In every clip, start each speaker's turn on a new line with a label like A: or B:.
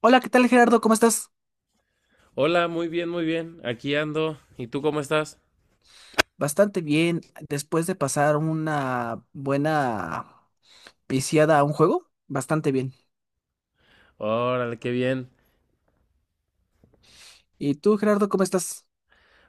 A: Hola, ¿qué tal, Gerardo? ¿Cómo estás?
B: Hola, muy bien, muy bien. Aquí ando. ¿Y tú cómo estás?
A: Bastante bien, después de pasar una buena viciada a un juego, bastante bien.
B: Órale, qué bien.
A: ¿Y tú, Gerardo, cómo estás?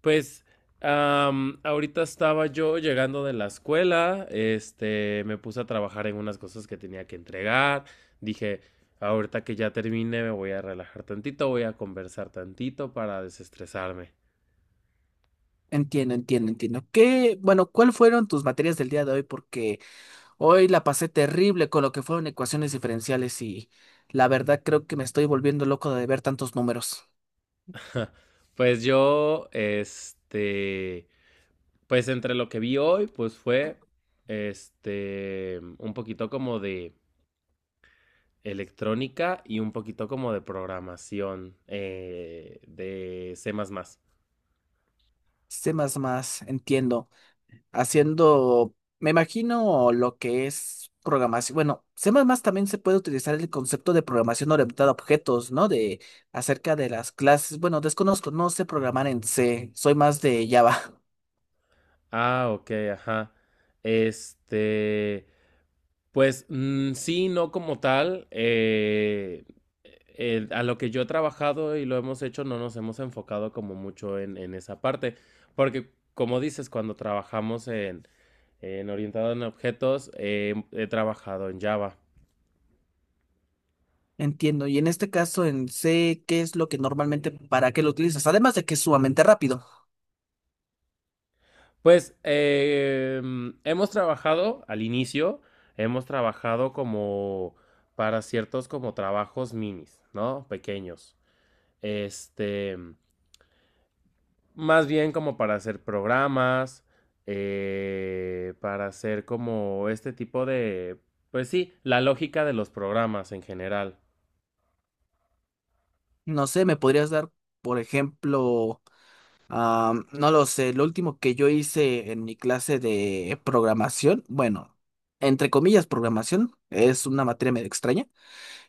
B: Pues, ahorita estaba yo llegando de la escuela, este, me puse a trabajar en unas cosas que tenía que entregar. Dije, ahorita que ya termine, me voy a relajar tantito, voy a conversar tantito para desestresarme.
A: Entiendo, entiendo, entiendo. ¿Qué, bueno, cuál fueron tus materias del día de hoy? Porque hoy la pasé terrible con lo que fueron ecuaciones diferenciales y la verdad creo que me estoy volviendo loco de ver tantos números.
B: Pues yo, este, pues entre lo que vi hoy, pues fue, este, un poquito como de electrónica y un poquito como de programación de C++.
A: Sé más, más, entiendo. Haciendo, me imagino lo que es programación. Bueno, C++ también se puede utilizar el concepto de programación orientada a objetos, ¿no? De acerca de las clases. Bueno, desconozco, no sé programar en C, soy más de Java.
B: Ah, ok, ajá. Este, pues mm, sí, no como tal. A lo que yo he trabajado y lo hemos hecho, no nos hemos enfocado como mucho en esa parte, porque como dices, cuando trabajamos en orientado en objetos, he trabajado en Java.
A: Entiendo. Y en este caso en C, ¿qué es lo que normalmente, para qué lo utilizas? Además de que es sumamente rápido.
B: Pues hemos trabajado al inicio, hemos trabajado como para ciertos como trabajos minis, ¿no? Pequeños. Este, más bien como para hacer programas, para hacer como este tipo de, pues sí, la lógica de los programas en general.
A: No sé, ¿me podrías dar, por ejemplo, ah, no lo sé, lo último que yo hice en mi clase de programación, bueno, entre comillas programación, es una materia medio extraña,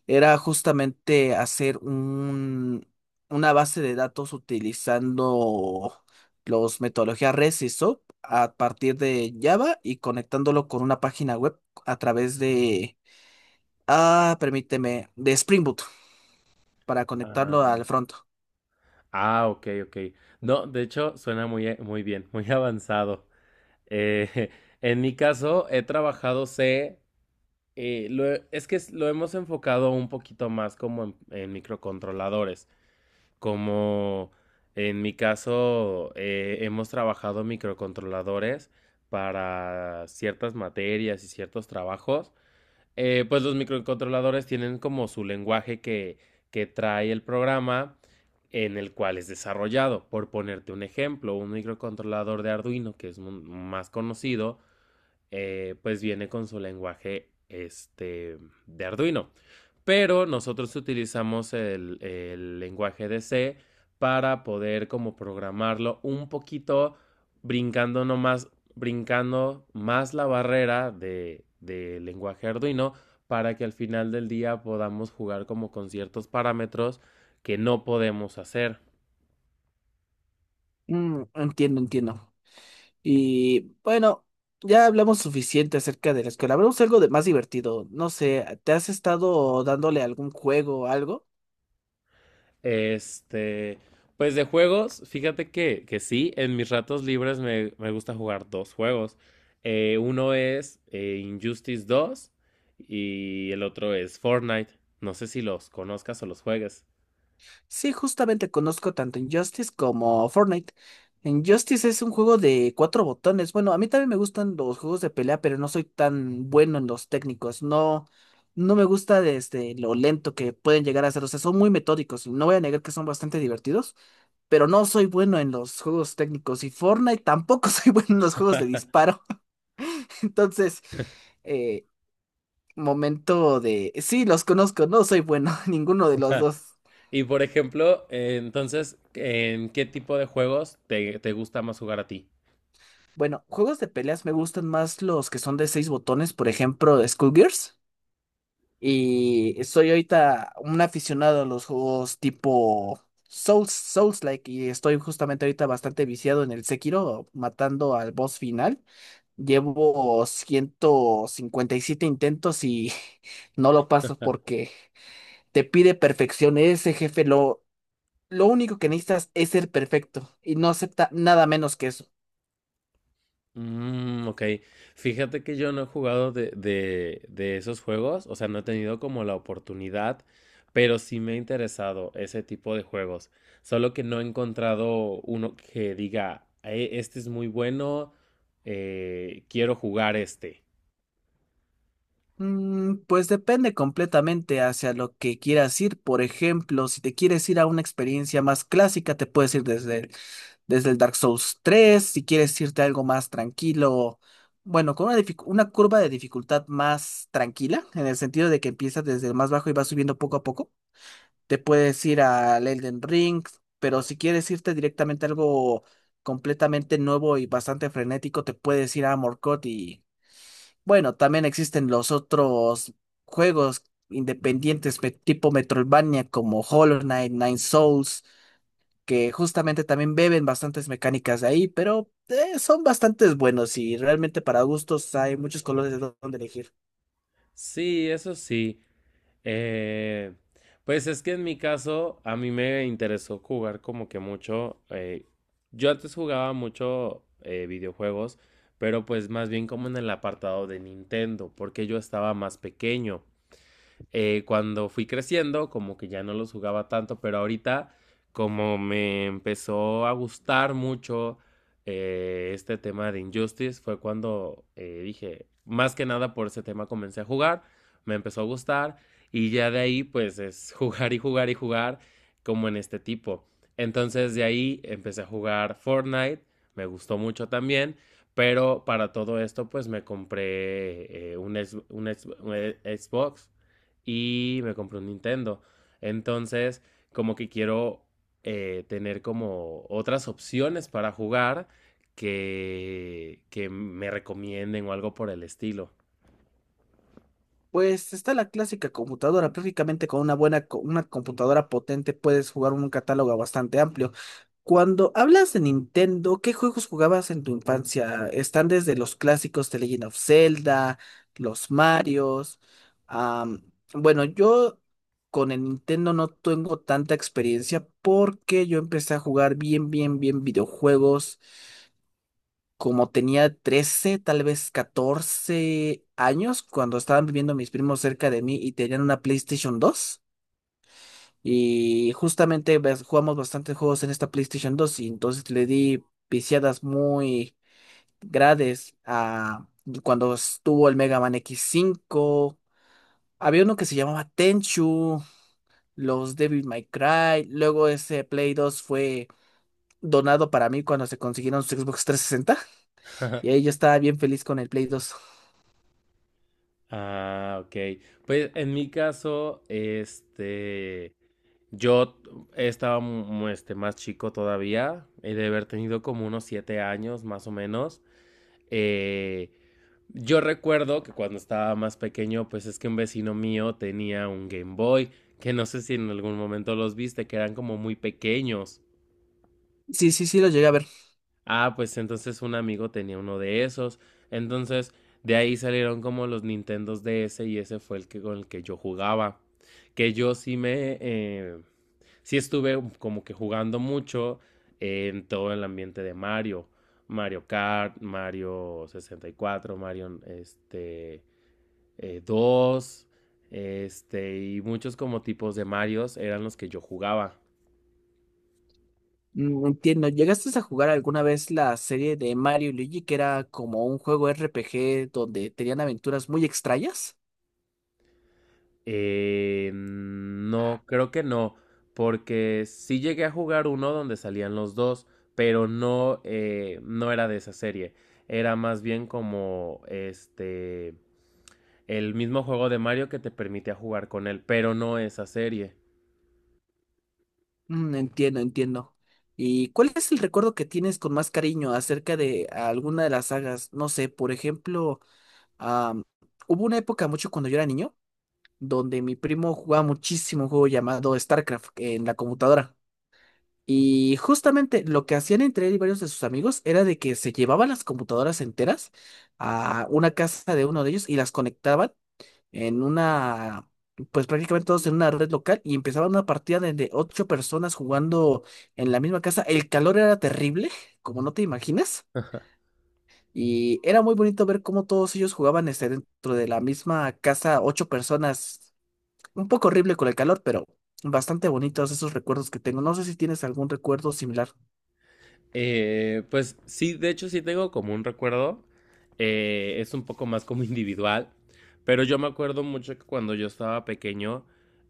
A: era justamente hacer un, una base de datos utilizando los metodologías REST y SOAP a partir de Java y conectándolo con una página web a través de, permíteme, de Spring Boot para conectarlo
B: Ah,
A: al front.
B: ok, ok. No, de hecho, suena muy, muy bien, muy avanzado. Eh, en mi caso, he trabajado C. Lo es que es- Lo hemos enfocado un poquito más como en microcontroladores, como en mi caso hemos trabajado microcontroladores para ciertas materias y ciertos trabajos. Pues los microcontroladores tienen como su lenguaje que trae el programa en el cual es desarrollado. Por ponerte un ejemplo, un microcontrolador de Arduino, que es más conocido, pues viene con su lenguaje este, de Arduino. Pero nosotros utilizamos el lenguaje de C para poder como programarlo un poquito brincando nomás, brincando más la barrera de lenguaje Arduino para que al final del día podamos jugar como con ciertos parámetros que no podemos hacer.
A: Mm, entiendo, entiendo. Y bueno, ya hablamos suficiente acerca de la escuela. Hablamos algo de más divertido. No sé, ¿te has estado dándole algún juego o algo?
B: Este, pues de juegos, fíjate que sí, en mis ratos libres me gusta jugar 2 juegos. Uno es Injustice dos y el otro es Fortnite. No sé si los conozcas o los juegues.
A: Sí, justamente conozco tanto Injustice como Fortnite. Injustice es un juego de cuatro botones. Bueno, a mí también me gustan los juegos de pelea, pero no soy tan bueno en los técnicos. No, no me gusta desde lo lento que pueden llegar a ser. O sea, son muy metódicos. No voy a negar que son bastante divertidos, pero no soy bueno en los juegos técnicos. Y Fortnite tampoco soy bueno en los juegos de disparo. Entonces, eh, momento de. Sí, los conozco, no soy bueno, ninguno de los dos.
B: Y por ejemplo, entonces, ¿en qué tipo de juegos te gusta más jugar a ti?
A: Bueno, juegos de peleas me gustan más los que son de seis botones, por ejemplo, Skullgirls. Y soy ahorita un aficionado a los juegos tipo Souls, Souls-like, y estoy justamente ahorita bastante viciado en el Sekiro, matando al boss final. Llevo 157 intentos y no lo paso porque te pide perfección. Ese jefe lo. Lo único que necesitas es ser perfecto y no acepta nada menos que eso.
B: Mm, ok. Fíjate que yo no he jugado de esos juegos, o sea, no he tenido como la oportunidad, pero sí me ha interesado ese tipo de juegos. Solo que no he encontrado uno que diga, este es muy bueno, quiero jugar este".
A: Mm, pues depende completamente hacia lo que quieras ir. Por ejemplo, si te quieres ir a una experiencia más clásica, te puedes ir desde el Dark Souls 3. Si quieres irte a algo más tranquilo, bueno, con una curva de dificultad más tranquila, en el sentido de que empiezas desde el más bajo y vas subiendo poco a poco. Te puedes ir al Elden Ring, pero si quieres irte directamente a algo completamente nuevo y bastante frenético, te puedes ir a Morcot, y bueno, también existen los otros juegos independientes tipo Metroidvania como Hollow Knight, Nine Souls, que justamente también beben bastantes mecánicas de ahí, pero son bastantes buenos y realmente para gustos hay muchos colores de dónde elegir.
B: Sí, eso sí. Eh, pues es que en mi caso, a mí me interesó jugar como que mucho. Yo antes jugaba mucho videojuegos, pero pues más bien como en el apartado de Nintendo, porque yo estaba más pequeño cuando fui creciendo, como que ya no los jugaba tanto, pero ahorita como me empezó a gustar mucho este tema de Injustice, fue cuando dije, más que nada por ese tema comencé a jugar, me empezó a gustar y ya de ahí pues es jugar y jugar y jugar como en este tipo. Entonces de ahí empecé a jugar Fortnite, me gustó mucho también, pero para todo esto pues me compré un Xbox y me compré un Nintendo. Entonces, como que quiero tener como otras opciones para jugar que me recomienden o algo por el estilo.
A: Pues está la clásica computadora, prácticamente con una computadora potente puedes jugar un catálogo bastante amplio. Cuando hablas de Nintendo, ¿qué juegos jugabas en tu infancia? Están desde los clásicos de Legend of Zelda, los Marios. am, bueno yo con el Nintendo no tengo tanta experiencia porque yo empecé a jugar bien, bien, bien videojuegos como tenía 13, tal vez 14 años, cuando estaban viviendo mis primos cerca de mí y tenían una PlayStation 2. Y justamente jugamos bastantes juegos en esta PlayStation 2 y entonces le di viciadas muy grandes a cuando estuvo el Mega Man x 5. Había uno que se llamaba Tenchu, los Devil May Cry. Luego ese Play 2 fue donado para mí cuando se consiguieron su Xbox 360, y ahí yo estaba bien feliz con el Play 2.
B: Ah, ok. Pues en mi caso, este, yo estaba este, más chico todavía, he de haber tenido como unos 7 años más o menos. Eh, yo recuerdo que cuando estaba más pequeño, pues es que un vecino mío tenía un Game Boy, que no sé si en algún momento los viste, que eran como muy pequeños.
A: Sí, sí, sí, lo llegué a ver.
B: Ah, pues entonces un amigo tenía uno de esos. Entonces de ahí salieron como los Nintendos DS y ese fue el que con el que yo jugaba. Que yo sí me... sí estuve como que jugando mucho en todo el ambiente de Mario. Mario Kart, Mario 64, Mario este, 2, este, y muchos como tipos de Marios eran los que yo jugaba.
A: Mm, entiendo. ¿Llegaste a jugar alguna vez la serie de Mario y Luigi, que era como un juego RPG donde tenían aventuras muy extrañas?
B: No, creo que no, porque sí llegué a jugar uno donde salían los dos, pero no, no era de esa serie. Era más bien como este, el mismo juego de Mario que te permitía jugar con él, pero no esa serie.
A: Mm, entiendo, entiendo. ¿Y cuál es el recuerdo que tienes con más cariño acerca de alguna de las sagas? No sé, por ejemplo, am, hubo una época mucho cuando yo era niño donde mi primo jugaba muchísimo un juego llamado StarCraft en la computadora. Y justamente lo que hacían entre él y varios de sus amigos era de que se llevaban las computadoras enteras a una casa de uno de ellos y las conectaban en una, pues prácticamente todos en una red local y empezaban una partida de ocho personas jugando en la misma casa. El calor era terrible, como no te imaginas. Y era muy bonito ver cómo todos ellos jugaban, este, dentro de la misma casa, ocho personas, un poco horrible con el calor, pero bastante bonitos esos recuerdos que tengo. No sé si tienes algún recuerdo similar.
B: Pues sí, de hecho sí tengo como un recuerdo. Es un poco más como individual. Pero yo me acuerdo mucho que cuando yo estaba pequeño,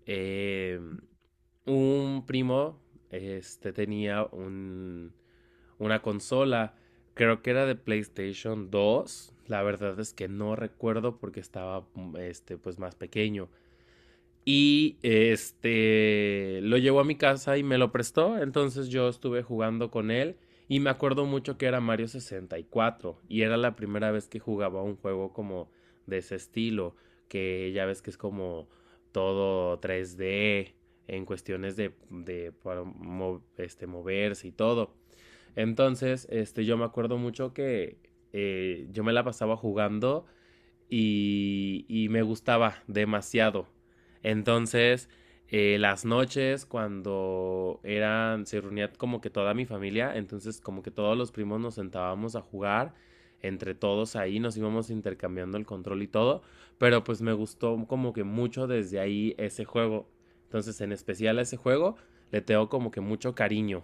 B: eh, un primo este, tenía una consola. Creo que era de PlayStation dos. La verdad es que no recuerdo porque estaba mm, este, pues más pequeño. Y este lo llevó a mi casa y me lo prestó. Entonces yo estuve jugando con él. Y me acuerdo mucho que era Mario 64. Y cuatro y era la primera vez que jugaba un juego como de ese estilo. Que ya ves que es como todo 3D. En cuestiones de, para este, moverse y todo. Entonces, este, yo me acuerdo mucho que yo me la pasaba jugando y me gustaba demasiado. Entonces, las noches cuando eran, se reunía como que toda mi familia, entonces como que todos los primos nos sentábamos a jugar entre todos ahí, nos íbamos intercambiando el control y todo, pero pues me gustó como que mucho desde ahí ese juego. Entonces, en especial a ese juego, le tengo como que mucho cariño.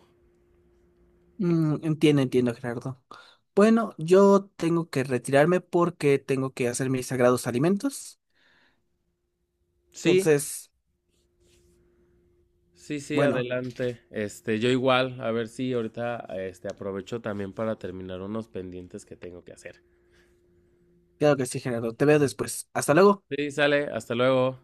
A: Mm, entiendo, entiendo, Gerardo. Bueno, yo tengo que retirarme porque tengo que hacer mis sagrados alimentos.
B: Sí.
A: Entonces,
B: Sí, sí,
A: bueno,
B: adelante. Este, yo igual, a ver si ahorita este aprovecho también para terminar unos pendientes que tengo que hacer.
A: claro que sí, Gerardo. Te veo después. Hasta luego.
B: Sí, sale, hasta luego.